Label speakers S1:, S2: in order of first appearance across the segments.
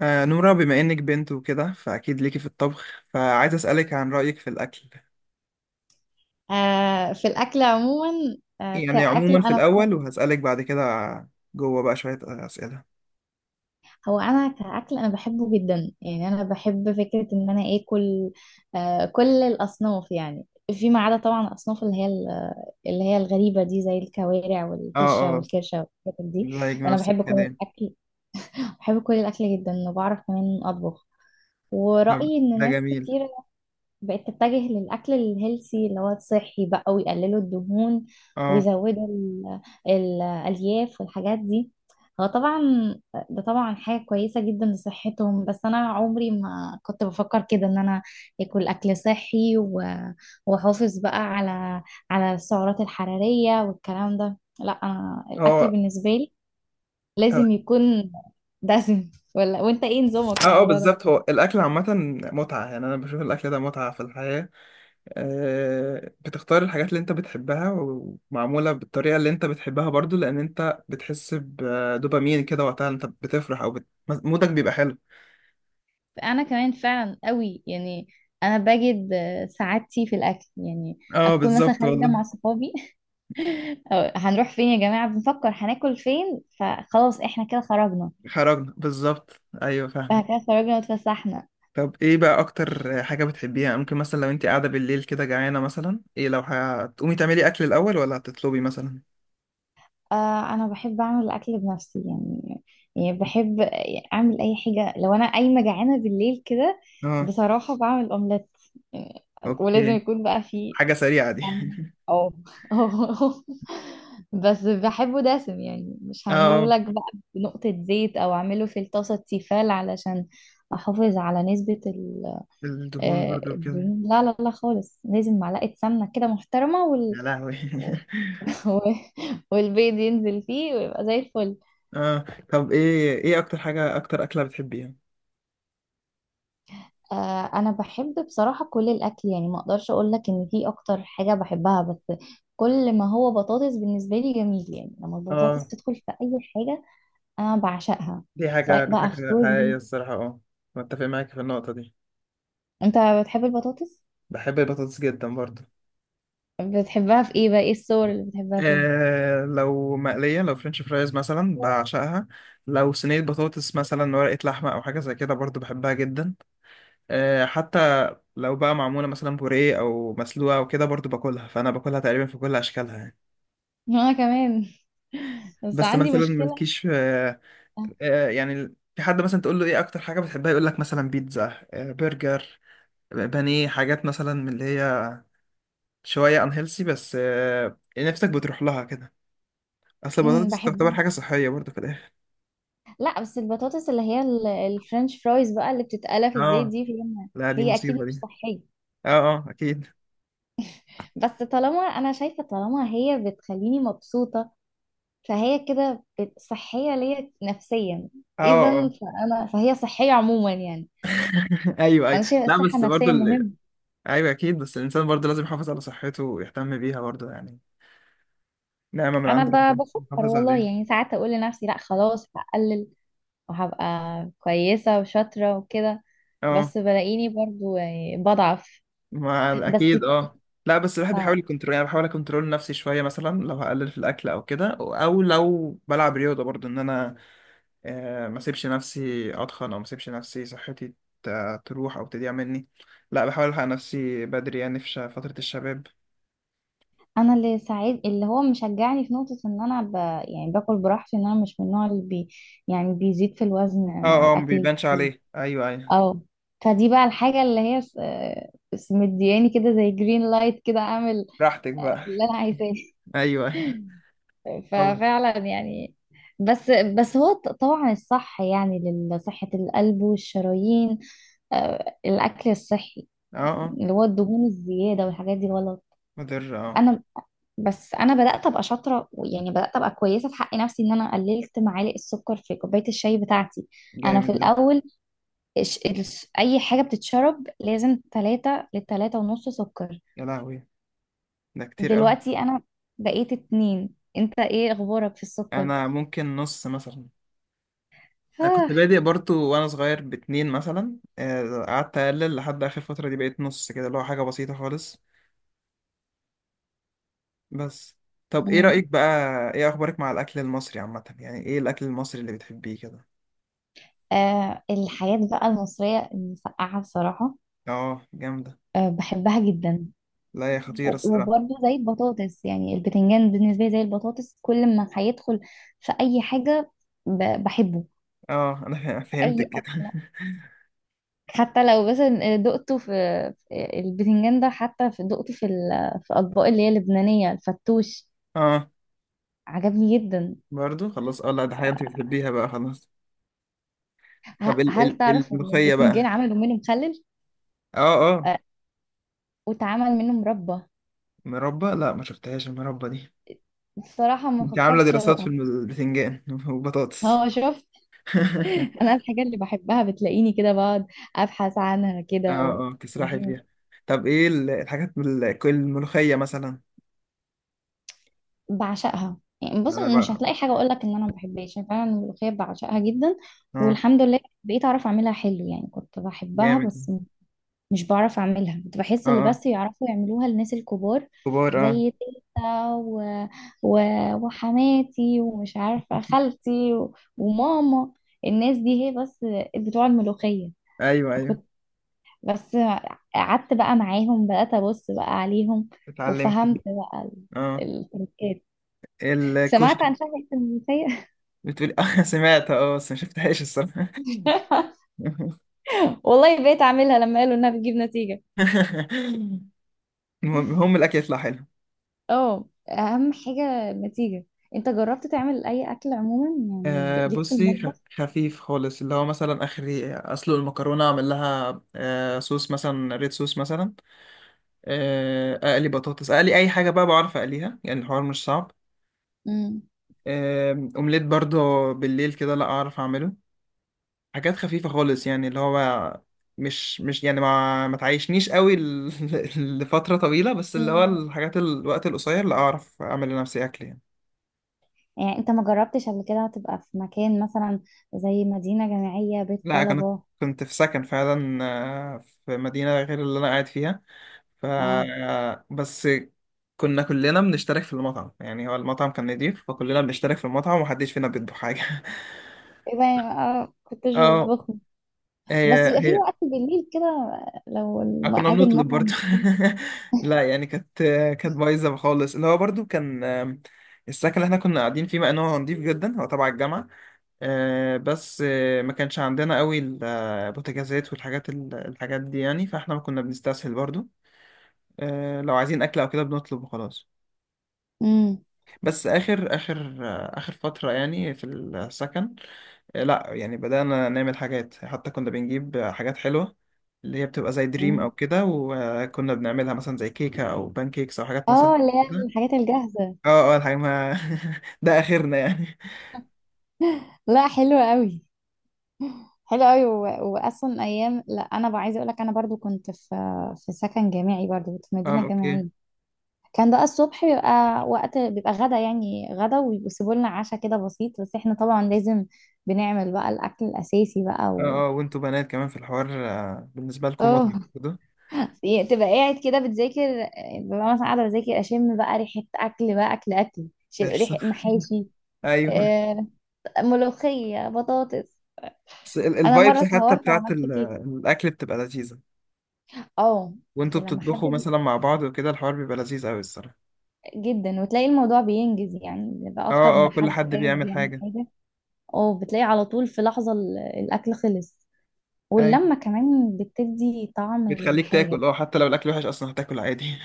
S1: نورا، بما إنك بنت وكده فأكيد ليكي في الطبخ، فعايز أسألك عن رأيك في الأكل.
S2: آه، في الأكل عموما.
S1: يعني
S2: كأكل
S1: عموما في الأول، وهسألك بعد كده جوه بقى شوية أسئلة.
S2: هو أنا كأكل، أنا بحبه جدا. يعني أنا بحب فكرة إن أنا آكل كل الأصناف يعني، فيما عدا طبعا الأصناف اللي هي الغريبة دي، زي الكوارع
S1: اه.
S2: والفشة
S1: اه.
S2: والكرشة والحاجات دي.
S1: زيك
S2: أنا
S1: نفس
S2: بحب كل
S1: الكلام.
S2: الأكل. بحب كل الأكل جدا، وبعرف كمان أطبخ.
S1: طب
S2: ورأيي إن
S1: ده
S2: ناس
S1: جميل.
S2: كتير بقت تتجه للأكل الهيلثي، اللي هو الصحي بقى، ويقللوا الدهون
S1: اه.
S2: ويزودوا الألياف والحاجات دي. هو طبعا ده طبعا حاجة كويسة جدا لصحتهم. بس أنا عمري ما كنت بفكر كده، إن أنا آكل أكل صحي وأحافظ بقى على السعرات الحرارية والكلام ده. لا، أنا
S1: هو،
S2: الأكل بالنسبة لي لازم يكون دسم، ولا وأنت إيه نظامك في الموضوع ده؟
S1: بالظبط، هو الأكل عامة متعة، يعني أنا بشوف الأكل ده متعة في الحياة. بتختار الحاجات اللي أنت بتحبها ومعمولة بالطريقة اللي أنت بتحبها برضو، لأن أنت بتحس بدوبامين كده وقتها أنت بتفرح، أو مودك بيبقى حلو.
S2: انا كمان فعلا قوي يعني. انا بجد سعادتي في الاكل يعني.
S1: اه،
S2: اكون مثلا
S1: بالظبط
S2: خارجه مع
S1: والله.
S2: صحابي أو هنروح فين يا جماعه، بنفكر هناكل فين، فخلاص احنا كده خرجنا.
S1: خرجنا بالظبط، ايوه،
S2: احنا
S1: فاهمك.
S2: كده خرجنا واتفسحنا.
S1: طب ايه بقى اكتر حاجة بتحبيها؟ ممكن مثلا لو انت قاعدة بالليل كده جعانة مثلا، ايه لو هتقومي تعملي اكل الاول ولا هتطلبي مثلا؟
S2: آه، انا بحب اعمل الاكل بنفسي يعني. يعني بحب اعمل اي حاجه لو انا قايمه جعانه بالليل كده.
S1: اه.
S2: بصراحه بعمل اومليت يعني، ولازم
S1: اوكي.
S2: يكون بقى فيه.
S1: حاجة سريعة دي.
S2: فاهمة؟ اه. اه. بس بحبه دسم يعني، مش
S1: اه.
S2: هعمله لك بقى بنقطة زيت، او اعمله في الطاسة تيفال علشان احافظ على نسبة
S1: الدهون برضو كده.
S2: الدهون. لا لا لا خالص، لازم معلقة سمنة كده محترمة
S1: يا لهوي.
S2: و- والبيض ينزل فيه ويبقى زي الفل.
S1: اه. طب، ايه اكتر حاجة، اكتر اكلة بتحبيها؟
S2: انا بحب بصراحة كل الاكل يعني. ما اقدرش اقول لك ان في اكتر حاجة بحبها، بس كل ما هو بطاطس بالنسبة لي جميل. يعني لما
S1: اه،
S2: البطاطس تدخل في اي حاجة انا بعشقها.
S1: دي حاجة
S2: سواء بقى فطور دي.
S1: حقيقية الصراحة. اه. متفق معاك في النقطة دي.
S2: انت بتحب البطاطس؟
S1: بحب البطاطس جدا برضو.
S2: بتحبها في ايه بقى، ايه الصور اللي بتحبها فيها؟
S1: لو مقلية، لو فرنش فرايز مثلا بعشقها. لو صينية بطاطس مثلا ورقة لحمة أو حاجة زي كده برضو بحبها جدا. حتى لو بقى معمولة مثلا بوريه أو مسلوقة أو كده برضو باكلها، فأنا باكلها تقريبا في كل أشكالها يعني.
S2: انا كمان. بس
S1: بس
S2: عندي
S1: مثلا
S2: مشكلة.
S1: ملكيش يعني في حد مثلا تقول له إيه أكتر حاجة بتحبها، يقول لك مثلا بيتزا، برجر، بانيه، حاجات مثلا من اللي هي شوية أنهيلسي. بس يعني نفسك بتروح لها كده. أصل البطاطس
S2: بحبها.
S1: تعتبر حاجة صحية برضو في الآخر.
S2: لا بس البطاطس اللي هي الفرنش فرايز بقى، اللي بتتقلى في الزيت
S1: اه،
S2: دي، فيها.
S1: لا، دي
S2: هي اكيد
S1: مصيبة
S2: مش
S1: دي.
S2: صحية.
S1: اه، اه، اكيد.
S2: بس طالما انا شايفة، طالما هي بتخليني مبسوطة، فهي كده صحية ليا نفسيا.
S1: اه،
S2: اذا
S1: اه،
S2: فانا فهي صحية عموما يعني.
S1: ايوه، ايوه،
S2: انا شايفة
S1: لا،
S2: الصحة
S1: بس برضو
S2: النفسية مهمة.
S1: ايوه، اكيد، بس الانسان برضو لازم يحافظ على صحته ويهتم بيها برضو يعني. نعمة من عند
S2: انا
S1: ربنا
S2: بفكر
S1: يحافظ
S2: والله،
S1: عليها.
S2: يعني ساعات اقول لنفسي لا خلاص هقلل، وهبقى كويسة وشاطرة وكده.
S1: اه،
S2: بس بلاقيني برضو يعني بضعف.
S1: مع،
S2: بس
S1: اكيد، اه. لا بس الواحد بيحاول
S2: ف-
S1: يكنترول، يعني بحاول اكنترول نفسي شويه، مثلا لو هقلل في الاكل او كده، او لو بلعب رياضه برضو، ان انا ما اسيبش نفسي اتخن، او ما اسيبش نفسي صحتي تروح او تضيع مني. لا بحاول الحق نفسي بدري، يعني في فتره الشباب.
S2: انا اللي ساعد، اللي هو مشجعني في نقطة ان انا يعني باكل براحتي، ان انا مش من النوع يعني بيزيد في الوزن مع
S1: اه، اه، ما
S2: الاكل
S1: بيبانش
S2: الكتير.
S1: عليه، ايوه، ايوه.
S2: اه، فدي بقى الحاجة اللي هي مدياني كده زي جرين لايت، كده اعمل
S1: براحتك بقى.
S2: اللي انا عايزاه.
S1: ايوه، ايوه. طب.
S2: ففعلا يعني. بس بس هو طبعا الصح يعني لصحة القلب والشرايين. الأكل الصحي،
S1: اه. اه.
S2: اللي هو الدهون الزيادة والحاجات دي، غلط.
S1: مضر. اه.
S2: أنا، بس أنا بدأت أبقى شاطرة، يعني بدأت أبقى كويسة في حق نفسي، إن أنا قللت معالق السكر في كوباية الشاي بتاعتي. أنا في
S1: جامد ده.
S2: الأول أي حاجة بتتشرب لازم تلاتة لتلاتة ونص سكر.
S1: يا لهوي. ده كتير قوي.
S2: دلوقتي أنا بقيت اتنين. أنت إيه أخبارك في السكر؟
S1: انا ممكن نص مثلا. انا كنت بادئ برضو وانا صغير باتنين مثلا، قعدت اقلل لحد اخر فترة دي بقيت نص كده، اللي هو حاجة بسيطة خالص بس. طب ايه
S2: آه.
S1: رأيك بقى؟ ايه اخبارك مع الاكل المصري عامة؟ يعني ايه الاكل المصري اللي بتحبيه كده؟
S2: آه، الحاجات بقى المصرية، المسقعة بصراحة.
S1: اه، جامدة.
S2: آه بحبها جدا.
S1: لا يا خطيرة الصراحة.
S2: وبرضه زي البطاطس، يعني البتنجان بالنسبة لي زي البطاطس، كل ما هيدخل في أي حاجة بحبه،
S1: اه، انا
S2: في
S1: فهمتك
S2: أي
S1: كده.
S2: أكل. حتى لو بس دقته في البتنجان ده، حتى في دقته في في أطباق اللي هي اللبنانية، الفتوش
S1: اه.
S2: عجبني جدا.
S1: برضو خلاص. اه، لا ده حاجة انت بتحبيها بقى، خلاص. طب ال
S2: هل
S1: ال
S2: تعرف إن
S1: الملوخية
S2: البتنجان
S1: بقى؟
S2: عملوا منه مخلل؟
S1: اه، اه،
S2: آه، واتعمل منه مربى.
S1: مربى؟ لا ما شفتهاش المربى دي.
S2: بصراحة ما
S1: انت عاملة
S2: فكرتش
S1: دراسات في
S2: أدوقها.
S1: البتنجان وبطاطس؟
S2: هو شوف، انا الحاجه اللي بحبها بتلاقيني كده بقعد ابحث عنها
S1: اه،
S2: كده
S1: اه، تسرحي
S2: وبشوف.
S1: فيها. طب ايه الحاجات، كل الملوخية مثلا؟
S2: بعشقها يعني. بص،
S1: انا
S2: مش
S1: بقى.
S2: هتلاقي حاجه اقول لك ان انا ما بحبهاش، يعني فعلا الملوخيه بعشقها جدا.
S1: اه،
S2: والحمد لله بقيت اعرف اعملها حلو. يعني كنت بحبها
S1: جامد.
S2: بس مش بعرف اعملها. كنت بحس
S1: اه،
S2: اللي
S1: اه،
S2: بس يعرفوا يعملوها الناس الكبار،
S1: كبار، اه.
S2: زي تيتا و... وحماتي، ومش عارفه خالتي وماما. الناس دي هي بس بتوع الملوخيه.
S1: ايوه، ايوه،
S2: بس قعدت بقى معاهم، بدأت أبص بقى عليهم
S1: اتعلمت دي.
S2: وفهمت بقى
S1: اه،
S2: التركات. سمعت
S1: الكشري.
S2: عن شهوة المنسية.
S1: بتقولي؟ اه، سمعت، اه، بس ما شفتهاش الصراحة.
S2: والله بقيت أعملها لما قالوا إنها بتجيب نتيجة.
S1: المهم هم الاكل يطلع حلو.
S2: اه، أهم حاجة النتيجة. أنت جربت تعمل أي أكل عموما، يعني ليك في
S1: بصي،
S2: المطبخ؟
S1: خفيف خالص، اللي هو مثلا اخري اسلق المكرونه، اعمل لها صوص مثلا، ريد صوص مثلا. اقلي بطاطس، اقلي اي حاجه بقى، بعرف اقليها، يعني الحوار مش صعب.
S2: مم.
S1: اومليت برضه بالليل كده، لا اعرف اعمله. حاجات خفيفه خالص، يعني اللي هو مش يعني ما تعيشنيش قوي لفتره طويله، بس اللي هو
S2: مم.
S1: الحاجات الوقت القصير لا اعرف اعمل لنفسي اكل يعني.
S2: يعني أنت ما جربتش قبل كده تبقى في مكان مثلا، زي مدينة جامعية، بيت
S1: لا
S2: طلبة؟
S1: كنت في سكن فعلا، في مدينة غير اللي أنا قاعد فيها. ف
S2: اه،
S1: بس كنا كلنا بنشترك في المطعم، يعني هو المطعم كان نضيف، فكلنا بنشترك في المطعم ومحدش فينا بيطبخ حاجة.
S2: إيه بقى، كنتش
S1: اه.
S2: بتطبخ؟
S1: هي
S2: بس يبقى في
S1: هي
S2: وقت بالليل كده، لو
S1: كنا
S2: ميعاد
S1: بنطلب
S2: المطعم.
S1: برضو. لا يعني كانت بايظة خالص، اللي هو برضو كان السكن اللي احنا كنا قاعدين فيه، مع انه هو نضيف جدا هو تبع الجامعة. بس ما كانش عندنا قوي البوتاجازات والحاجات الحاجات دي، يعني فاحنا ما كنا بنستسهل برضو. لو عايزين اكل او كده بنطلب وخلاص.
S2: امم.
S1: بس اخر فترة يعني في السكن. لا يعني بدأنا نعمل حاجات، حتى كنا بنجيب حاجات حلوة اللي هي بتبقى زي دريم
S2: أمم.
S1: او كده، وكنا بنعملها مثلا زي كيكة او بان كيكس او حاجات مثلا
S2: اه، اللي هي
S1: كده.
S2: الحاجات الجاهزة.
S1: اه، اه، الحاجة ما ده اخرنا يعني.
S2: لا، حلوة قوي. حلوة قوي واصلا ايام. لا انا بقى عايزة اقول لك، انا برضو كنت في سكن جامعي، برضو كنت في
S1: اه،
S2: مدينة
S1: اوكي.
S2: جامعية. كان ده الصبح بيبقى وقت، بيبقى غدا، يعني غدا، ويسيبوا لنا عشاء كده بسيط، بس احنا طبعا لازم بنعمل بقى الاكل الاساسي بقى
S1: اه، اه، وانتوا بنات كمان في الحوار بالنسبة لكم
S2: اه،
S1: متعة كده،
S2: يعني تبقى قاعد كده بتذاكر، ببقى مثلا قاعدة بذاكر، أشم بقى ريحة أكل بقى، أكل أكل
S1: بس.
S2: ريحة محاشي،
S1: ايوه،
S2: آه، ملوخية، بطاطس.
S1: بس
S2: أنا مرة
S1: الفايبس حتى
S2: اتهورت
S1: بتاعت
S2: وعملت كيك.
S1: الاكل بتبقى لذيذه.
S2: اه،
S1: وانتوا
S2: لما حد
S1: بتطبخوا مثلا مع بعض وكده الحوار بيبقى لذيذ قوي الصراحه.
S2: جدا، وتلاقي الموضوع بينجز يعني، بيبقى
S1: اه،
S2: أكتر
S1: اه،
S2: من
S1: كل
S2: حد
S1: حد
S2: قاعد
S1: بيعمل
S2: بيعمل
S1: حاجه.
S2: حاجة. اه، بتلاقي على طول في لحظة الأكل خلص.
S1: ايوه،
S2: واللمة كمان بتدي طعم
S1: بتخليك
S2: للحاجة.
S1: تاكل، اه، حتى لو الاكل وحش اصلا هتاكل عادي.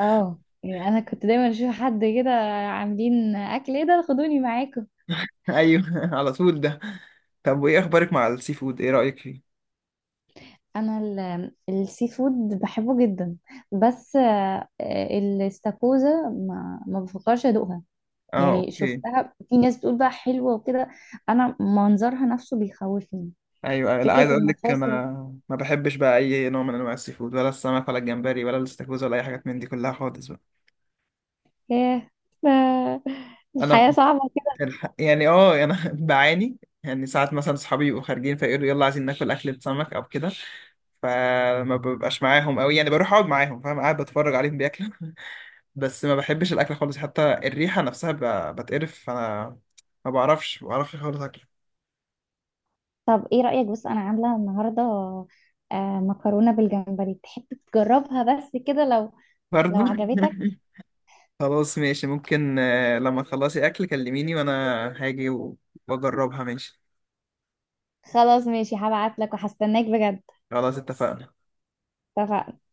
S2: اه، يعني أنا كنت دايما أشوف حد كده عاملين أكل، ايه ده، خدوني معاكم.
S1: ايوه، على طول ده. طب، وايه اخبارك مع السي فود؟ ايه رايك فيه؟
S2: انا السي فود بحبه جدا. بس الاستاكوزا ما بفكرش ادوقها.
S1: اه،
S2: يعني
S1: اوكي.
S2: شفتها في ناس بتقول بقى حلوه وكده، انا منظرها نفسه بيخوفني،
S1: ايوه، أيوة. لا
S2: فكره
S1: عايز اقول لك،
S2: المفاصل.
S1: انا ما بحبش بقى اي نوع من انواع السي فود، ولا السمك، ولا الجمبري، ولا الاستاكوزا، ولا اي حاجات من دي كلها خالص بقى.
S2: ايه،
S1: انا
S2: الحياه صعبه كده.
S1: يعني اه، انا بعاني، يعني ساعات مثلا صحابي يبقوا خارجين فيقولوا يلا عايزين ناكل اكلة سمك او كده، فما ببقاش معاهم قوي، يعني بروح اقعد معاهم فاهم، قاعد بتفرج عليهم بياكلوا. بس ما بحبش الاكل خالص، حتى الريحة نفسها بتقرف، فانا ما بعرفش، خالص اكل.
S2: طب ايه رايك، بص انا عامله النهارده مكرونه بالجمبري، تحب تجربها، بس كده لو
S1: برضو.
S2: عجبتك.
S1: خلاص ماشي، ممكن لما تخلصي اكل كلميني وانا هاجي واجربها ماشي.
S2: خلاص ماشي، هبعت لك وهستناك.
S1: خلاص اتفقنا.
S2: بجد.